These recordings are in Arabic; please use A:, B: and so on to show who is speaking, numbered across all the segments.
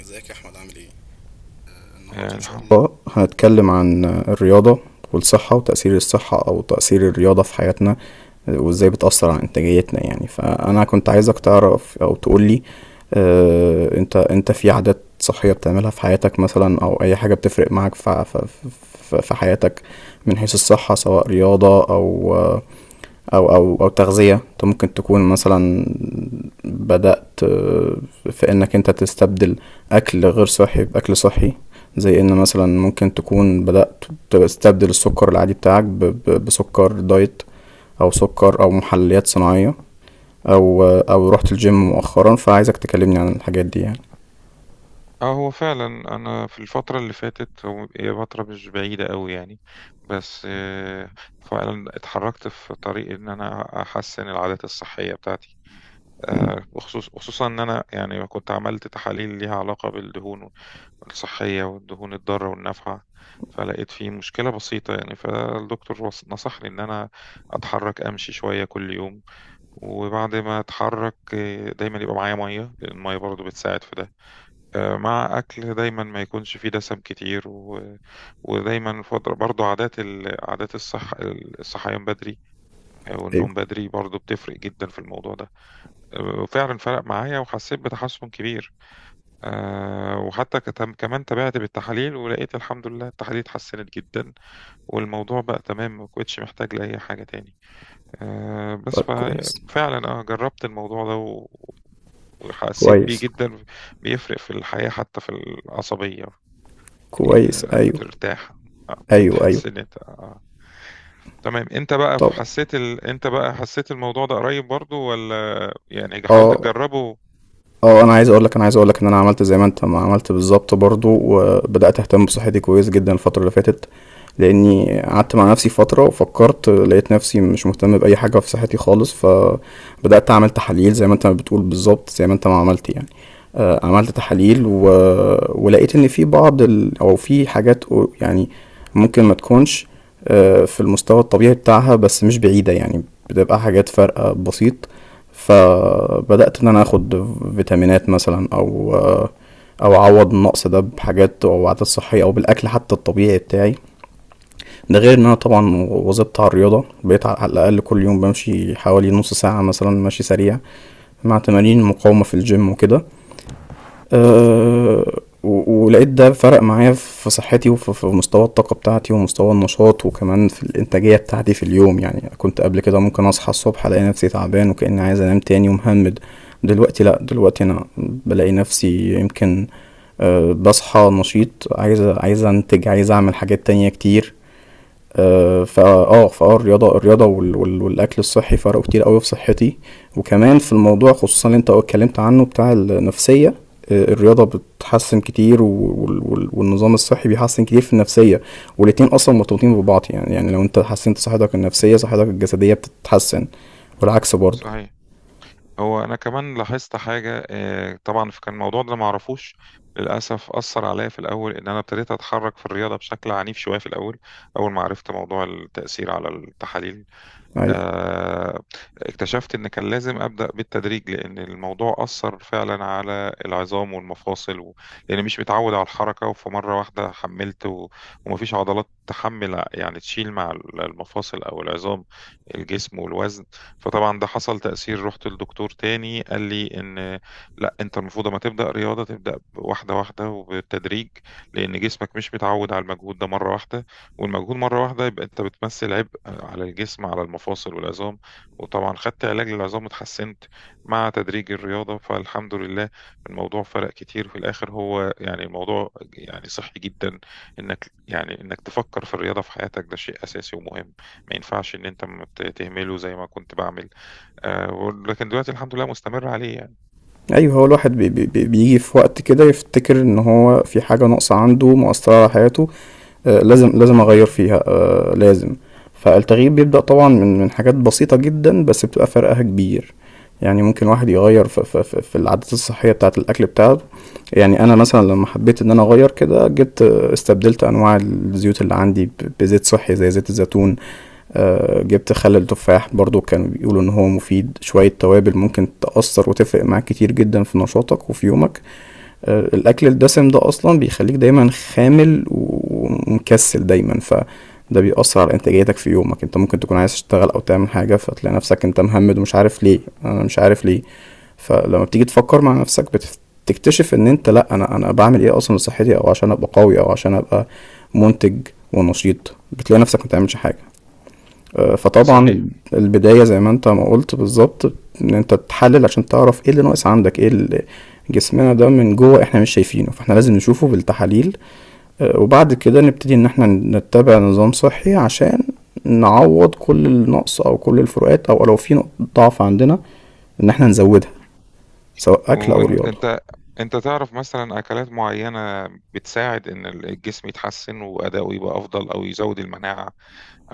A: ازيك يا احمد، عامل ايه؟ النهاردة إن شاء
B: الحمد.
A: الله هنتكلم عن الرياضة والصحة، وتأثير الصحة أو تأثير الرياضة في حياتنا، وإزاي بتأثر على إنتاجيتنا يعني. فأنا كنت عايزك تعرف أو تقولي، أنت في عادات صحية بتعملها في حياتك مثلا، أو أي حاجة بتفرق معاك في ع- في في في حياتك، من حيث الصحة، سواء رياضة أو او تغذية. انت ممكن تكون مثلا بدأت، في انك انت تستبدل اكل غير صحي باكل صحي، زي ان مثلا ممكن تكون بدأت تستبدل السكر العادي بتاعك بسكر دايت، او سكر او محليات صناعية، او رحت الجيم مؤخرا، فعايزك تكلمني عن الحاجات دي يعني.
B: اه، هو فعلا انا في الفتره اللي فاتت، هي فتره مش بعيده قوي يعني. بس فعلا اتحركت في طريق ان انا احسن العادات الصحيه بتاعتي. خصوصا ان انا يعني كنت عملت تحاليل ليها علاقه بالدهون الصحيه، والدهون الضاره والنافعه. فلقيت في مشكله بسيطه يعني، فالدكتور نصحني ان انا اتحرك، امشي شويه كل يوم. وبعد ما اتحرك دايما يبقى معايا ميه، لان الميه برضو بتساعد في ده. مع أكل دايما ما يكونش فيه دسم كتير. ودايما فضل برضو عادات الصحيان بدري، أو النوم
A: ايوه.
B: بدري، برضو بتفرق جدا في الموضوع ده. وفعلا فرق معايا وحسيت بتحسن كبير. وحتى كمان تابعت بالتحاليل، ولقيت الحمد لله التحاليل اتحسنت جدا، والموضوع بقى تمام، ما كنتش محتاج لأي حاجة تاني. بس
A: طيب، كويس.
B: فعلا أنا جربت الموضوع ده وحسيت بيه
A: كويس.
B: جدا. بيفرق في الحياة حتى في العصبية.
A: كويس، ايوه.
B: بترتاح.
A: ايوه، ايوه.
B: بتحس ان انت تمام.
A: طب.
B: انت بقى حسيت الموضوع ده قريب برضو، ولا يعني حاولت
A: اه.
B: تجربه؟
A: اه، انا عايز اقول لك ان انا عملت زي ما انت ما عملت بالظبط برضو، وبدأت اهتم بصحتي كويس جدا الفترة اللي فاتت، لاني قعدت مع نفسي فترة وفكرت، لقيت نفسي مش مهتم بأي حاجة في صحتي خالص. ف بدأت أعمل تحاليل زي ما أنت بتقول بالظبط، زي ما أنت ما عملت يعني. عملت تحاليل ولقيت إن في بعض أو في حاجات يعني ممكن ما تكونش، في المستوى الطبيعي بتاعها، بس مش بعيدة يعني، بتبقى حاجات فرق بسيط. فبدأت إن أنا آخد فيتامينات مثلا، أو أعوض النقص ده بحاجات أو عادات صحية، أو بالأكل حتى الطبيعي بتاعي. ده غير ان انا طبعا واظبط على الرياضه، بقيت على الاقل كل يوم بمشي حوالي نص ساعه مثلا، ماشي سريع، مع تمارين المقاومة في الجيم وكده. ولقيت ده فرق معايا في صحتي، وفي مستوى الطاقة بتاعتي، ومستوى النشاط، وكمان في الإنتاجية بتاعتي في اليوم. يعني كنت قبل كده ممكن أصحى الصبح ألاقي نفسي تعبان وكأني عايز أنام تاني ومهمد. دلوقتي لأ، دلوقتي أنا بلاقي نفسي يمكن بصحى نشيط، عايز أنتج، عايز أعمل حاجات تانية كتير. آه، فا اه فاه الرياضه والاكل الصحي فرقوا كتير قوي في صحتي، وكمان في الموضوع خصوصا اللي انت اتكلمت عنه بتاع النفسيه. الرياضه بتحسن كتير، والنظام الصحي بيحسن كتير في النفسيه. والاتنين اصلا مرتبطين ببعض، يعني لو انت حسنت صحتك النفسيه صحتك الجسديه بتتحسن، والعكس برضو.
B: صحيح. هو انا كمان لاحظت حاجة، طبعا كان الموضوع ده معرفوش للاسف، اثر عليا في الاول ان انا ابتديت اتحرك في الرياضة بشكل عنيف شوية في الاول، اول ما عرفت موضوع التأثير على التحاليل.
A: ايوه،
B: آه، اكتشفت ان كان لازم ابدا بالتدريج، لان الموضوع اثر فعلا على العظام والمفاصل. و... لان مش متعود على الحركه، وفمره واحده حملت، و... ومفيش عضلات تحمل يعني تشيل مع المفاصل او العظام، الجسم والوزن. فطبعا ده حصل تاثير. رحت للدكتور تاني، قال لي ان لا، انت المفروض ما تبدا رياضه، تبدا واحده واحده وبالتدريج، لان جسمك مش متعود على المجهود ده مره واحده. والمجهود مرة واحدة يبقى أنت بتمثل عبء على الجسم، على المفاصل والعظام. وطبعا خدت علاج للعظام وتحسنت مع تدريج الرياضة، فالحمد لله الموضوع فرق كتير في الآخر. هو يعني الموضوع يعني صحي جدا، إنك يعني إنك تفكر في الرياضة في حياتك، ده شيء أساسي ومهم. ما ينفعش إن أنت ما ت- تهمله زي ما كنت بعمل. لكن دلوقتي الحمد لله مستمر عليه يعني.
A: ايوه. هو الواحد بيجي في وقت كده يفتكر ان هو في حاجه ناقصه عنده مؤثره على حياته، لازم اغير فيها، لازم. فالتغيير بيبدأ طبعا من حاجات بسيطة جدا، بس بتبقى فرقها كبير. يعني ممكن واحد يغير في العادات الصحية بتاعة الأكل بتاعته. يعني أنا مثلا لما حبيت إن أنا أغير كده جبت آه، استبدلت أنواع الزيوت اللي عندي بزيت صحي، زي زيت الزيتون. جبت خل التفاح برضو، كانوا بيقولوا إن هو مفيد. شوية توابل ممكن تأثر وتفرق معاك كتير جدا في نشاطك وفي يومك. الاكل الدسم ده اصلا بيخليك دايما خامل ومكسل دايما، فده بيأثر على انتاجيتك في يومك. انت ممكن تكون عايز تشتغل او تعمل حاجة فتلاقي نفسك انت مهمد ومش عارف ليه، انا مش عارف ليه. فلما بتيجي تفكر مع نفسك، بتكتشف ان انت، لا، انا بعمل ايه اصلا لصحتي، او عشان ابقى قوي، او عشان ابقى منتج ونشيط؟ بتلاقي نفسك ما بتعملش حاجة. فطبعا
B: صحيح.
A: البداية زي ما انت ما قلت بالظبط، ان انت تحلل عشان تعرف ايه اللي ناقص عندك. ايه اللي جسمنا ده من جوه احنا مش شايفينه، فاحنا لازم نشوفه بالتحاليل. وبعد كده نبتدي ان احنا نتبع نظام صحي، عشان نعوض كل النقص او كل الفروقات، او لو في نقطة ضعف عندنا ان احنا نزودها، سواء اكل او
B: وانت
A: رياضة.
B: انت انت تعرف مثلا اكلات معينة بتساعد ان الجسم يتحسن، واداؤه يبقى افضل، او يزود المناعة،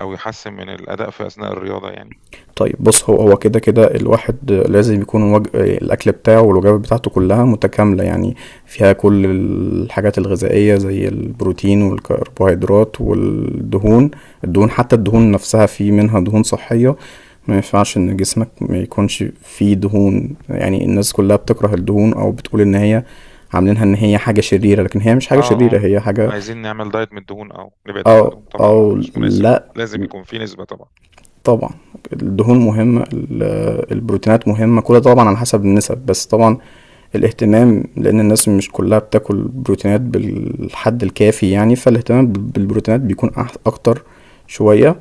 B: او يحسن من الاداء في اثناء الرياضة يعني.
A: طيب بص، هو كده كده الواحد لازم يكون الأكل بتاعه والوجبات بتاعته كلها متكاملة يعني، فيها كل الحاجات الغذائية، زي البروتين والكربوهيدرات والدهون. الدهون، حتى الدهون نفسها، في منها دهون صحية. ما ينفعش إن جسمك ما يكونش فيه دهون، يعني الناس كلها بتكره الدهون أو بتقول إن هي عاملينها إن هي حاجة شريرة، لكن هي مش حاجة
B: اه،
A: شريرة،
B: اه،
A: هي حاجة.
B: عايزين نعمل دايت من الدهون او نبعد عن
A: أو
B: الدهون؟ طبعا ده
A: أو
B: مش مناسب،
A: لأ.
B: لازم يكون في نسبة طبعا.
A: طبعا الدهون مهمة، البروتينات مهمة، كل ده طبعا على حسب النسب، بس طبعا الاهتمام، لأن الناس مش كلها بتاكل بروتينات بالحد الكافي يعني، فالاهتمام بالبروتينات بيكون أكتر شوية.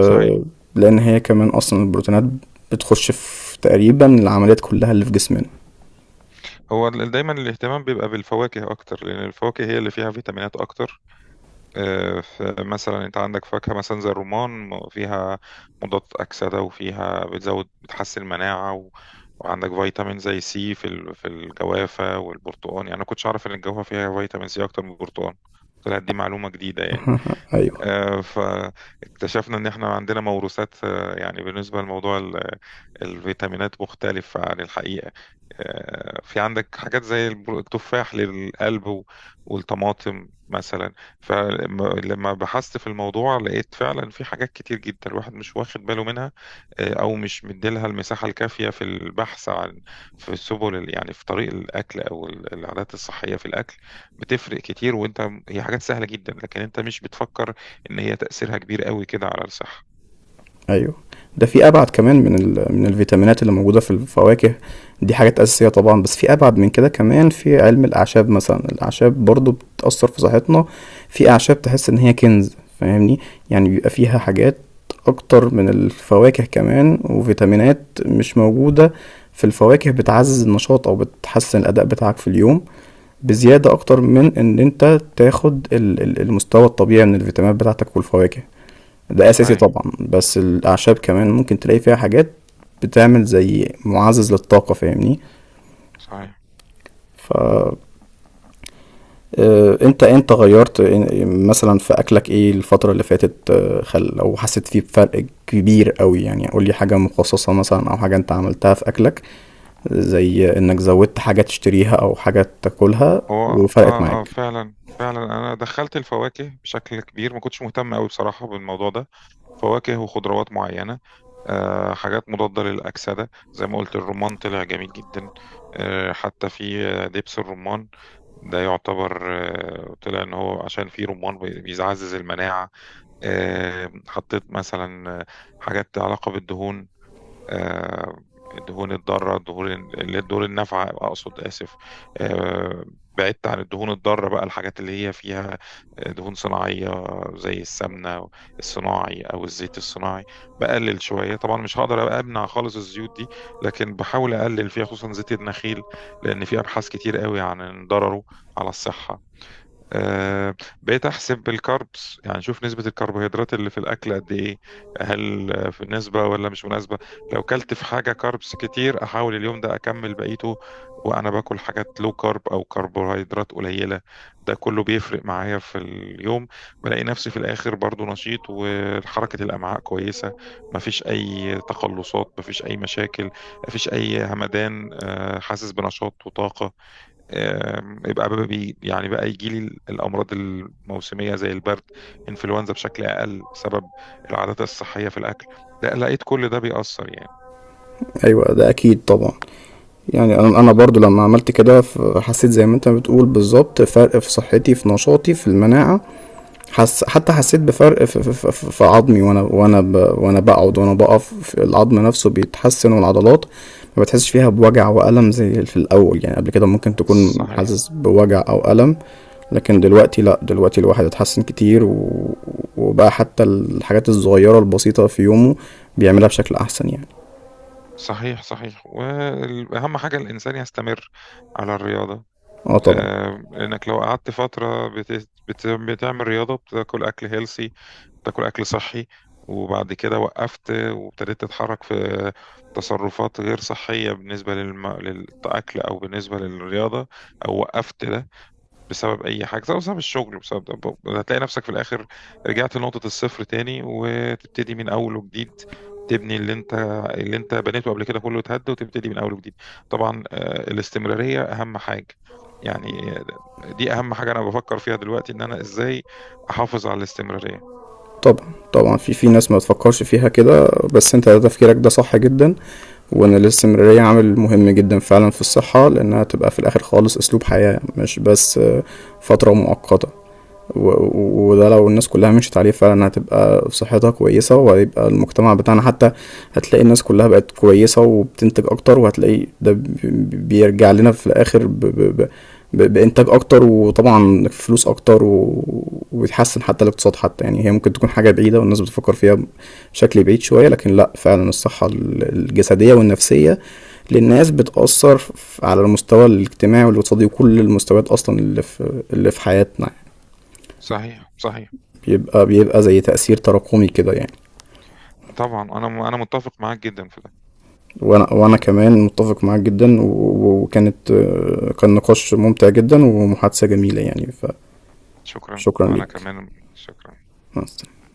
B: صحيح.
A: لأن هي كمان أصلا البروتينات بتخش في تقريبا العمليات كلها اللي في جسمنا.
B: دايما الاهتمام بيبقى بالفواكه اكتر، لان الفواكه هي اللي فيها فيتامينات اكتر. فمثلا انت عندك فاكهة مثلا زي الرمان، فيها مضاد أكسدة، وفيها بتزود بتحسن المناعة. و... وعندك فيتامين زي سي في الجوافة والبرتقال. يعني أنا كنتش أعرف إن الجوافة فيها فيتامين سي أكتر من البرتقال، طلعت دي معلومة جديدة يعني.
A: أيوه،
B: فاكتشفنا ان احنا عندنا موروثات، يعني بالنسبه لموضوع الفيتامينات مختلف عن الحقيقه. في عندك حاجات زي التفاح للقلب، والطماطم مثلا. فلما بحثت في الموضوع لقيت فعلا في حاجات كتير جدا الواحد مش واخد باله منها، او مش مديلها المساحه الكافيه في البحث، عن في سبل يعني في طريق الاكل او العادات الصحيه في الاكل، بتفرق كتير. وانت هي حاجات سهله جدا، لكن انت مش بتفكر ان هي تأثيرها كبير قوي كده على الصحة.
A: ايوه. ده في ابعد كمان، من الفيتامينات اللي موجوده في الفواكه. دي حاجات اساسيه طبعا، بس في ابعد من كده كمان، في علم الاعشاب مثلا. الاعشاب برضو بتاثر في صحتنا، في اعشاب تحس ان هي كنز، فاهمني؟ يعني بيبقى فيها
B: آه،
A: حاجات اكتر من الفواكه كمان، وفيتامينات مش موجوده في الفواكه، بتعزز النشاط او بتحسن الاداء بتاعك في اليوم، بزياده اكتر من ان انت تاخد المستوى الطبيعي من الفيتامينات بتاعتك والفواكه. ده اساسي
B: صحيح،
A: طبعا، بس الاعشاب كمان ممكن تلاقي فيها حاجات بتعمل زي معزز للطاقة، فاهمني؟
B: صحيح.
A: ف آه، انت غيرت، مثلا في اكلك ايه الفترة اللي فاتت؟ خل لو حسيت فيه بفرق كبير قوي، يعني قول لي حاجة مخصصة مثلا، او حاجة انت عملتها في اكلك، زي انك زودت حاجة تشتريها او حاجة تاكلها
B: هو
A: وفرقت
B: اه
A: معاك.
B: فعلا فعلا انا دخلت الفواكه بشكل كبير، ما كنتش مهتم قوي بصراحة بالموضوع ده، فواكه وخضروات معينة. حاجات مضادة للأكسدة، زي ما قلت الرمان طلع جميل جدا. حتى في دبس الرمان ده يعتبر، طلع ان هو عشان فيه رمان بيعزز المناعة. حطيت مثلا، حاجات علاقة بالدهون. آه، الدهون الضارة، الدهون اللي هي الدهون النافعة أقصد، آسف. آه، بعدت عن الدهون الضارة بقى، الحاجات اللي هي فيها دهون صناعية زي السمنة الصناعي أو الزيت الصناعي. بقلل شوية، طبعا مش هقدر أمنع خالص الزيوت دي، لكن بحاول أقلل فيها خصوصا زيت النخيل، لأن في أبحاث كتير قوي عن ضرره على الصحة. آه، بقيت احسب الكاربس، يعني شوف نسبة الكربوهيدرات اللي في الاكل قد ايه، هل في نسبة ولا مش مناسبة؟ لو كلت في حاجة كاربس كتير احاول اليوم ده اكمل بقيته، وانا باكل حاجات لو كارب او كربوهيدرات قليلة. ده كله بيفرق معايا في اليوم. بلاقي نفسي في الاخر برضو نشيط، وحركة الامعاء كويسة، مفيش اي تقلصات، مفيش اي مشاكل، مفيش اي همدان. حاسس بنشاط وطاقة. يبقى بقى بي يعني بقى يجي لي الامراض الموسميه زي البرد، انفلونزا بشكل اقل، بسبب العادات الصحيه في الاكل. ده لقيت كل ده بيأثر يعني.
A: ايوه، ده اكيد طبعا. يعني انا برضو لما عملت كده حسيت زي ما انت بتقول بالظبط فرق في صحتي، في نشاطي، في المناعة. حتى حسيت بفرق في عظمي، وانا بقعد وانا بقف، في العظم نفسه بيتحسن، والعضلات ما بتحسش فيها بوجع وألم زي في الأول، يعني قبل كده ممكن تكون
B: صحيح،
A: حاسس بوجع أو ألم، لكن دلوقتي لا، دلوقتي الواحد اتحسن كتير وبقى حتى الحاجات الصغيرة البسيطة في يومه بيعملها بشكل أحسن يعني.
B: صحيح، صحيح. واهم حاجه الانسان يستمر على الرياضه.
A: اه، طبعا.
B: لانك لو قعدت فتره بتعمل رياضه، بتاكل اكل هيلسي، بتاكل اكل صحي، وبعد كده وقفت وابتديت تتحرك في تصرفات غير صحيه بالنسبه للاكل، او بالنسبه للرياضه، او وقفت ده بسبب اي حاجه، سواء بسبب الشغل بسبب ده، هتلاقي نفسك في الاخر رجعت لنقطه الصفر تاني وتبتدي من اول وجديد. تبني اللي انت بنيته قبل كده كله اتهد، وتبتدي من اول وجديد. طبعا الاستمراريه اهم حاجه يعني. دي اهم حاجه انا بفكر فيها دلوقتي، ان انا ازاي احافظ على الاستمراريه.
A: طبعا، طبعا، في ناس ما بتفكرش فيها كده، بس انت تفكيرك ده صح جدا. وان الاستمرارية عامل مهم جدا فعلا في الصحة، لانها تبقى في الاخر خالص اسلوب حياة، مش بس فترة مؤقتة. وده لو الناس كلها مشيت عليه فعلا، هتبقى صحتها كويسة، وهيبقى المجتمع بتاعنا حتى هتلاقي الناس كلها بقت كويسة وبتنتج أكتر، وهتلاقي ده بيرجع لنا في الآخر بإنتاج أكتر، وطبعا فلوس أكتر وبيتحسن حتى الاقتصاد حتى، يعني هي ممكن تكون حاجة بعيدة والناس بتفكر فيها بشكل بعيد شوية، لكن لأ، فعلا الصحة الجسدية والنفسية للناس بتأثر على المستوى الاجتماعي والاقتصادي وكل المستويات أصلا اللي في حياتنا.
B: صحيح، صحيح.
A: بيبقى زي تأثير تراكمي كده يعني.
B: طبعا انا متفق معاك جدا في ده.
A: وانا كمان متفق معاك جدا، و- و- وكانت آه، كان نقاش ممتع جدا ومحادثة جميلة يعني.
B: شكرا،
A: فشكرا
B: وانا
A: ليك.
B: كمان شكرا.
A: مع السلامة.